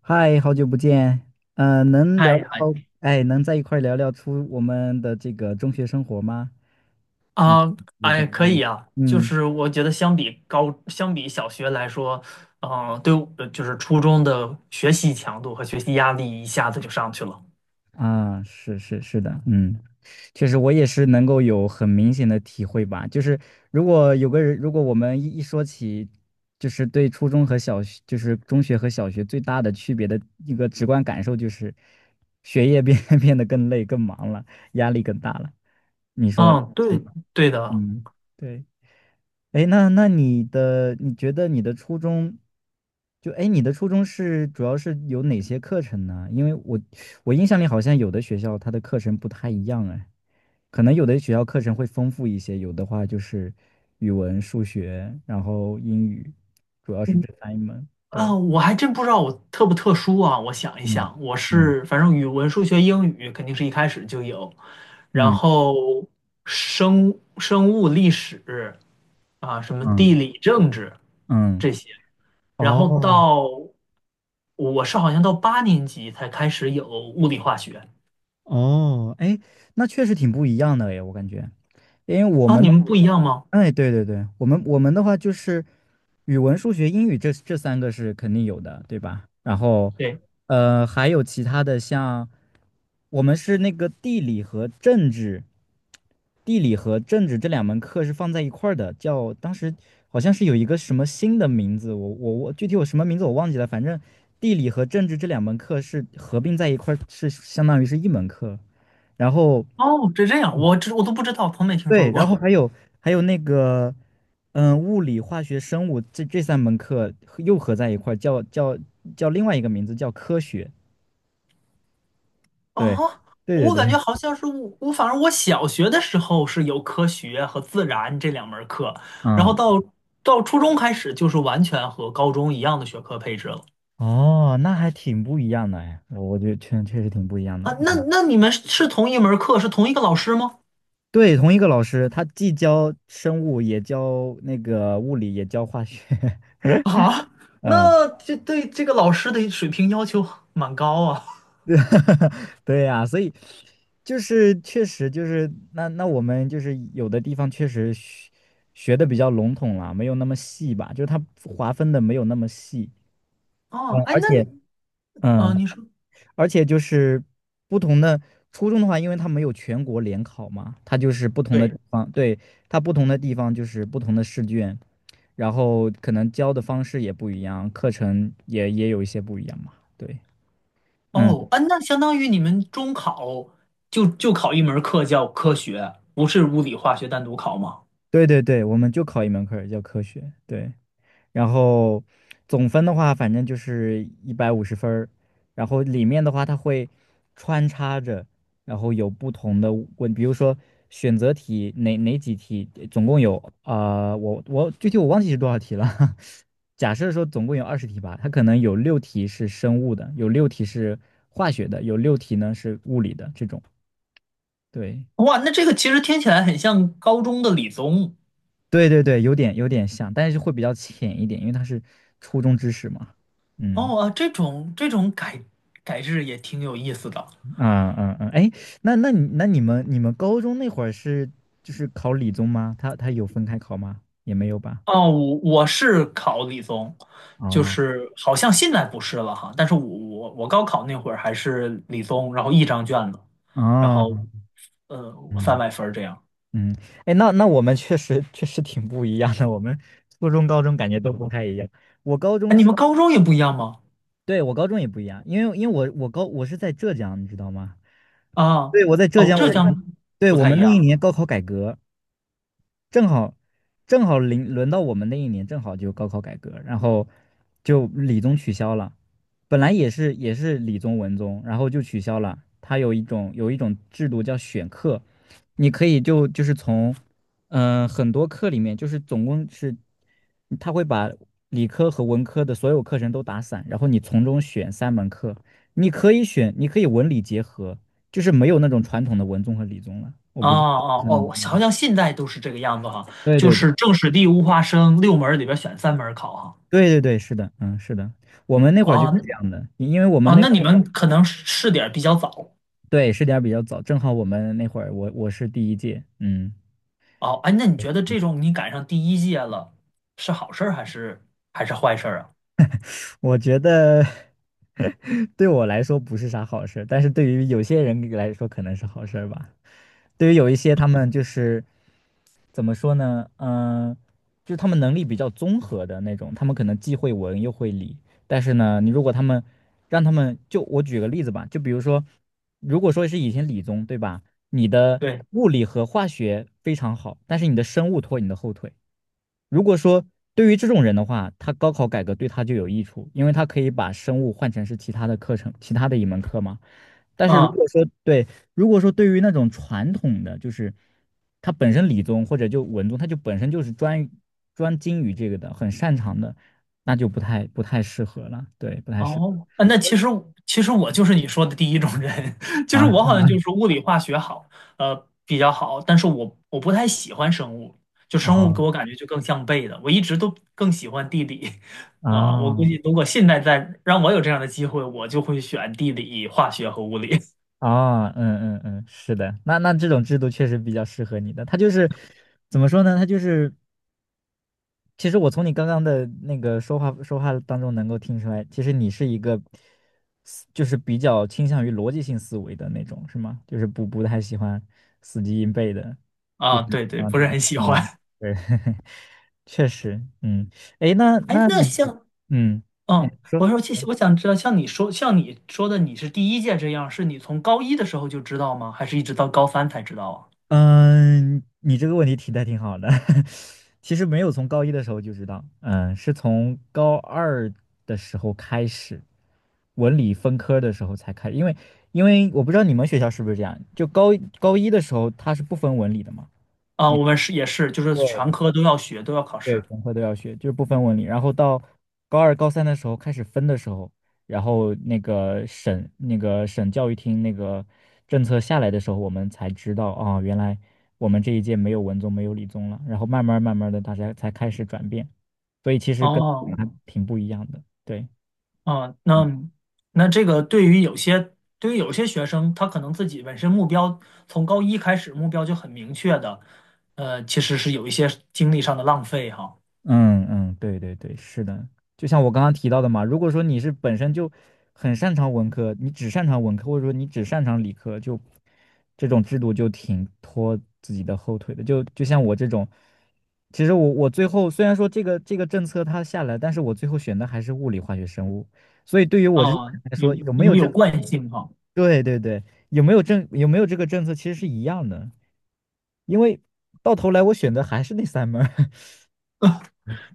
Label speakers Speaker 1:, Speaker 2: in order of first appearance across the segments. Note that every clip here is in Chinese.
Speaker 1: 嗨，好久不见，能聊
Speaker 2: 嗨
Speaker 1: 聊，
Speaker 2: 嗨
Speaker 1: 哎，能在一块儿聊聊出我们的这个中学生活吗？嗯，
Speaker 2: 啊，
Speaker 1: 也怎
Speaker 2: 哎，
Speaker 1: 么
Speaker 2: 可
Speaker 1: 样呢？
Speaker 2: 以啊，就
Speaker 1: 嗯，
Speaker 2: 是我觉得相比高，相比小学来说，对我就是初中的学习强度和学习压力一下子就上去了。
Speaker 1: 啊，是是是的，确实我也是能够有很明显的体会吧，就是如果有个人，如果我们一说起，就是对初中和小学，就是中学和小学最大的区别的一个直观感受就是，学业变 变得更累、更忙了，压力更大了，你说
Speaker 2: 嗯，
Speaker 1: 是
Speaker 2: 对，
Speaker 1: 吧？
Speaker 2: 对的。
Speaker 1: 嗯，对。哎，那你觉得你的初中，就哎，诶你的初中主要是有哪些课程呢？因为我印象里好像有的学校它的课程不太一样哎，可能有的学校课程会丰富一些，有的话就是语文、数学，然后英语，主要是
Speaker 2: 嗯，
Speaker 1: 这三门。
Speaker 2: 啊，
Speaker 1: 对，
Speaker 2: 我还真不知道我特不特殊啊。我想一
Speaker 1: 嗯
Speaker 2: 想，我
Speaker 1: 嗯
Speaker 2: 是反正语文、数学、英语肯定是一开始就有，然
Speaker 1: 嗯
Speaker 2: 后生物、历史啊，什么地
Speaker 1: 嗯
Speaker 2: 理、政治
Speaker 1: 嗯，
Speaker 2: 这些。然后
Speaker 1: 哦
Speaker 2: 到我是好像到八年级才开始有物理化学
Speaker 1: 哦，哎，那确实挺不一样的哎，我感觉。因为我
Speaker 2: 啊，
Speaker 1: 们
Speaker 2: 你们不一样吗？
Speaker 1: 哎，对对对，我们的话就是语文、数学、英语这三个是肯定有的，对吧？然后，
Speaker 2: 对，
Speaker 1: 还有其他的像，我们是那个地理和政治，地理和政治这两门课是放在一块儿的，叫当时好像是有一个什么新的名字，我具体我什么名字我忘记了，反正地理和政治这两门课是合并在一块儿，是相当于是一门课。然后
Speaker 2: 哦，这这样，我都不知道，从没听说
Speaker 1: 对，然后
Speaker 2: 过
Speaker 1: 还有那个，物理、化学、生物这三门课合在一块儿，叫另外一个名字叫科学。对，
Speaker 2: 啊。
Speaker 1: 对
Speaker 2: 我
Speaker 1: 对
Speaker 2: 感觉
Speaker 1: 对，
Speaker 2: 好像是我，我反正我小学的时候是有科学和自然这两门儿课，然后
Speaker 1: 嗯，
Speaker 2: 到初中开始就是完全和高中一样的学科配置了
Speaker 1: 哦，那还挺不一样的哎，我觉得确实挺不一样的。
Speaker 2: 啊。那
Speaker 1: 嗯，
Speaker 2: 那你们是同一门儿课，是同一个老师吗？
Speaker 1: 对，同一个老师，他既教生物，也教那个物理，也教化学。
Speaker 2: 啊，
Speaker 1: 嗯，
Speaker 2: 那这对这个老师的水平要求蛮高啊。
Speaker 1: 对呀，所以就是确实就是那我们就是有的地方确实学的比较笼统了，没有那么细吧，就是它划分的没有那么细，嗯
Speaker 2: 哦，哎，
Speaker 1: 而
Speaker 2: 那
Speaker 1: 且嗯，
Speaker 2: 你说
Speaker 1: 而且就是不同的初中的话，因为它没有全国联考嘛，它就是不同的地
Speaker 2: 对，
Speaker 1: 方，对，它不同的地方就是不同的试卷，然后可能教的方式也不一样，课程也有一些不一样嘛，对。嗯。
Speaker 2: 哦，哎，那相当于你们中考就考一门课叫科学，不是物理化学单独考吗？
Speaker 1: 对对对，我们就考一门课儿叫科学，对。然后总分的话，反正就是150分儿。然后里面的话，它会穿插着，然后有不同的问，比如说选择题哪几题，总共有我具体我忘记是多少题了。假设说总共有20题吧，它可能有六题是生物的，有六题是化学的，有六题呢是物理的这种。对，
Speaker 2: 哇，那这个其实听起来很像高中的理综
Speaker 1: 对对对，有点像，但是会比较浅一点，因为它是初中知识嘛。嗯
Speaker 2: 哦，啊，这种改制也挺有意思的
Speaker 1: 啊啊啊！哎，那你们高中那会儿是就是考理综吗？他有分开考吗？也没有吧？
Speaker 2: 哦。我我是考理综，就
Speaker 1: 哦
Speaker 2: 是好像现在不是了哈，但是我我高考那会儿还是理综，然后一张卷子，然
Speaker 1: 哦，
Speaker 2: 后呃三
Speaker 1: 嗯
Speaker 2: 百分儿这样。
Speaker 1: 嗯，哎，那我们确实挺不一样的，我们初中高中感觉都不太一样。我高
Speaker 2: 哎，
Speaker 1: 中
Speaker 2: 你
Speaker 1: 是，
Speaker 2: 们高中也不一样吗？
Speaker 1: 对，我高中也不一样，因为我是在浙江，你知道吗？
Speaker 2: 啊，
Speaker 1: 对，我在浙
Speaker 2: 哦，
Speaker 1: 江，
Speaker 2: 浙江
Speaker 1: 对，
Speaker 2: 不
Speaker 1: 我
Speaker 2: 太
Speaker 1: 们
Speaker 2: 一
Speaker 1: 那一年
Speaker 2: 样。
Speaker 1: 高考改革。正好正好轮到我们那一年，正好就高考改革，然后就理综取消了。本来也是理综文综，然后就取消了。它有一种制度叫选课，你可以就是从很多课里面，就是总共是他会把理科和文科的所有课程都打散，然后你从中选三门课，你可以选，你可以文理结合，就是没有那种传统的文综和理综了。我
Speaker 2: 啊
Speaker 1: 不知道，
Speaker 2: 哦哦，好
Speaker 1: 嗯，
Speaker 2: 像现在都是这个样子哈，
Speaker 1: 对
Speaker 2: 就
Speaker 1: 对对
Speaker 2: 是政史地物化生六门儿里边选三门儿考哈。
Speaker 1: 对对对，是的，嗯，是的，我们那
Speaker 2: 啊
Speaker 1: 会儿就
Speaker 2: 哦
Speaker 1: 是
Speaker 2: 那
Speaker 1: 这样的，因为我们那会
Speaker 2: 你
Speaker 1: 儿
Speaker 2: 们
Speaker 1: 是
Speaker 2: 可能是试点儿比较早。
Speaker 1: 对试点比较早，正好我们那会儿我是第一届，嗯，
Speaker 2: 哦，哎，那你觉得这种你赶上第一届了，是好事儿还是坏事儿啊？
Speaker 1: 我觉得 对我来说不是啥好事儿，但是对于有些人来说可能是好事儿吧，对于有一些他们就是怎么说呢？嗯、就是他们能力比较综合的那种，他们可能既会文又会理，但是呢，你如果他们让他们就我举个例子吧，就比如说，如果说是以前理综对吧，你的
Speaker 2: 对，
Speaker 1: 物理和化学非常好，但是你的生物拖你的后腿。如果说对于这种人的话，他高考改革对他就有益处，因为他可以把生物换成是其他的课程，其他的一门课嘛。但是
Speaker 2: 啊。
Speaker 1: 如果说对于那种传统的，就是他本身理综或者就文综，他就本身就是专精于这个的，很擅长的，那就不太适合了。对，不太适合
Speaker 2: 哦，啊那其实我就是你说的第一种人，就是我好
Speaker 1: 啊。
Speaker 2: 像就是物理化学好，呃，比较好，但是我不太喜欢生物，就生物给
Speaker 1: 啊
Speaker 2: 我感觉就更像背的，我一直都更喜欢地理，我估
Speaker 1: 啊
Speaker 2: 计如果现在再让我有这样的机会，我就会选地理、化学和物理，
Speaker 1: 哦，嗯嗯嗯，是的，那这种制度确实比较适合你的。它就是怎么说呢？它就是其实我从你刚刚的那个说话当中能够听出来，其实你是一个就是比较倾向于逻辑性思维的那种，是吗？就是不太喜欢死记硬背的，就是
Speaker 2: 对对，
Speaker 1: 啊，
Speaker 2: 不
Speaker 1: 对
Speaker 2: 是
Speaker 1: 吧
Speaker 2: 很喜欢。
Speaker 1: 嗯，对，确实，嗯，诶，那
Speaker 2: 哎，
Speaker 1: 那，
Speaker 2: 那像，
Speaker 1: 嗯，你
Speaker 2: 嗯，
Speaker 1: 说。
Speaker 2: 我说其实我想知道，像你说的，你是第一届这样，是你从高一的时候就知道吗？还是一直到高三才知道啊？
Speaker 1: 嗯，你这个问题提的挺好的。其实没有从高一的时候就知道，是从高二的时候开始，文理分科的时候才开因为因为我不知道你们学校是不是这样，就高一的时候它是不分文理的嘛？
Speaker 2: 啊，
Speaker 1: 你
Speaker 2: 我们是也是，就是全
Speaker 1: 对
Speaker 2: 科都要学，都要考
Speaker 1: 对，
Speaker 2: 试。
Speaker 1: 全科都要学，就是不分文理。然后到高二、高三的时候开始分的时候，然后那个省教育厅那个政策下来的时候，我们才知道原来我们这一届没有文综，没有理综了。然后慢慢慢慢的，大家才开始转变，所以其实跟
Speaker 2: 哦，
Speaker 1: 还挺不一样的。对。
Speaker 2: 啊，那那这个对于有些学生，他可能自己本身从高一开始目标就很明确的，呃，其实是有一些精力上的浪费哈。
Speaker 1: 嗯嗯，对对对，是的，就像我刚刚提到的嘛，如果说你是本身就很擅长文科，你只擅长文科，或者说你只擅长理科，就这种制度就挺拖自己的后腿的。就像我这种，其实我最后虽然说这个政策它下来，但是我最后选的还是物理、化学、生物，所以对于我这种
Speaker 2: 啊，
Speaker 1: 人来说，
Speaker 2: 有
Speaker 1: 有没
Speaker 2: 因
Speaker 1: 有
Speaker 2: 为
Speaker 1: 这，
Speaker 2: 有惯性哈。
Speaker 1: 对对对，有没有这个政策其实是一样的，因为到头来我选的还是那3门儿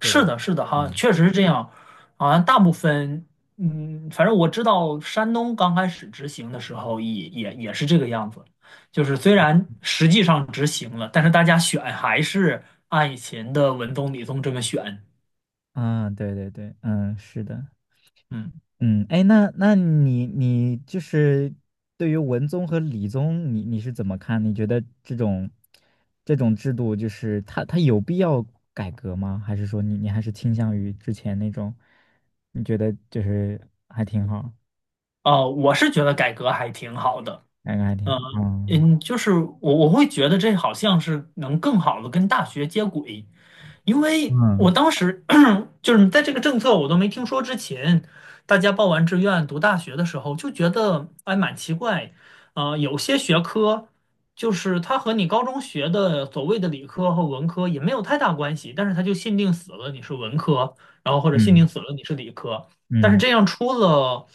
Speaker 1: 对对，
Speaker 2: 的，是的，哈，
Speaker 1: 嗯。
Speaker 2: 确实是这样。好像大部分，嗯，反正我知道山东刚开始执行的时候也，也也是这个样子。就是虽然实际上执行了，但是大家选还是按以前的文综、理综这么选。
Speaker 1: 啊，对对对，嗯，是的，
Speaker 2: 嗯，
Speaker 1: 嗯，哎，那你就是对于文综和理综，你是怎么看？你觉得这种制度，就是它有必要改革吗？还是说你还是倾向于之前那种？你觉得就是还挺好，
Speaker 2: 哦，我是觉得改革还挺好的。
Speaker 1: 感觉还挺
Speaker 2: 嗯、
Speaker 1: 好。嗯
Speaker 2: 嗯，就是我我会觉得这好像是能更好的跟大学接轨，因为我
Speaker 1: 嗯
Speaker 2: 当时就是在这个政策我都没听说之前，大家报完志愿读大学的时候就觉得哎蛮奇怪，呃，有些学科就是它和你高中学的所谓的理科和文科也没有太大关系，但是它就限定死了你是文科，然后或者限定死了你是理科，但是
Speaker 1: 嗯
Speaker 2: 这样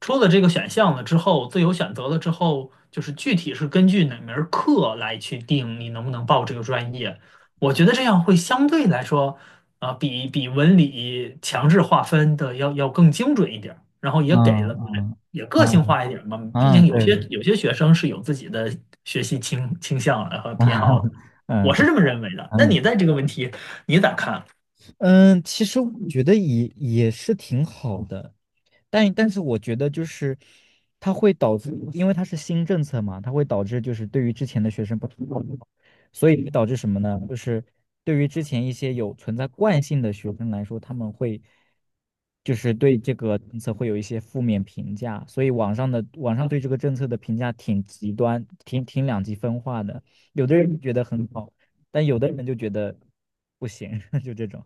Speaker 2: 出了这个选项了之后，自由选择了之后，就是具体是根据哪门儿课来去定你能不能报这个专业。我觉得这样会相对来说啊，比文理强制划分的要更精准一点儿，然后也
Speaker 1: 嗯
Speaker 2: 给了
Speaker 1: 嗯
Speaker 2: 也个
Speaker 1: 嗯
Speaker 2: 性
Speaker 1: 嗯，
Speaker 2: 化一点儿嘛。毕竟
Speaker 1: 嗯，对对，
Speaker 2: 有些学生是有自己的学习倾向和偏好的，
Speaker 1: 嗯
Speaker 2: 我是
Speaker 1: 对，
Speaker 2: 这么认为的。那
Speaker 1: 嗯
Speaker 2: 你在这个问题你咋看？
Speaker 1: 嗯，其实我觉得也是挺好的。但是我觉得就是它会导致，因为它是新政策嘛，它会导致就是对于之前的学生不同，所以会导致什么呢？就是对于之前一些有存在惯性的学生来说，他们会就是对这个政策会有一些负面评价，所以网上对这个政策的评价挺极端，挺两极分化的，有的人觉得很好，但有的人就觉得不行，就这种。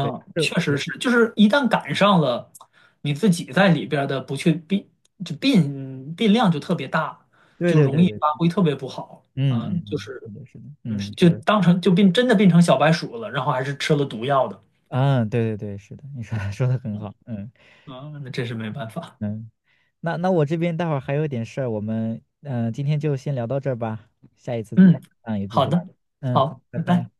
Speaker 1: 对，是
Speaker 2: 确实是，就是一旦赶上了，你自己在里边儿的不确定变量就特别大，
Speaker 1: 对
Speaker 2: 就
Speaker 1: 对
Speaker 2: 容
Speaker 1: 对
Speaker 2: 易
Speaker 1: 对
Speaker 2: 发挥特别不好
Speaker 1: 嗯
Speaker 2: 啊，
Speaker 1: 嗯
Speaker 2: 就
Speaker 1: 嗯，是
Speaker 2: 是
Speaker 1: 的，是的，
Speaker 2: 嗯，
Speaker 1: 嗯，你
Speaker 2: 就
Speaker 1: 说的，
Speaker 2: 当成真的变成小白鼠了，然后还是吃了毒药的。
Speaker 1: 嗯，对对对，是的，你说 说的很
Speaker 2: 嗯
Speaker 1: 好，嗯
Speaker 2: 啊，那真是没办法。
Speaker 1: 嗯，那我这边待会儿还有点事儿，我们今天就先聊到这儿吧，下一次
Speaker 2: 嗯，
Speaker 1: 有机
Speaker 2: 好
Speaker 1: 会，
Speaker 2: 的，
Speaker 1: 嗯，好，
Speaker 2: 好，
Speaker 1: 拜
Speaker 2: 拜
Speaker 1: 拜。
Speaker 2: 拜。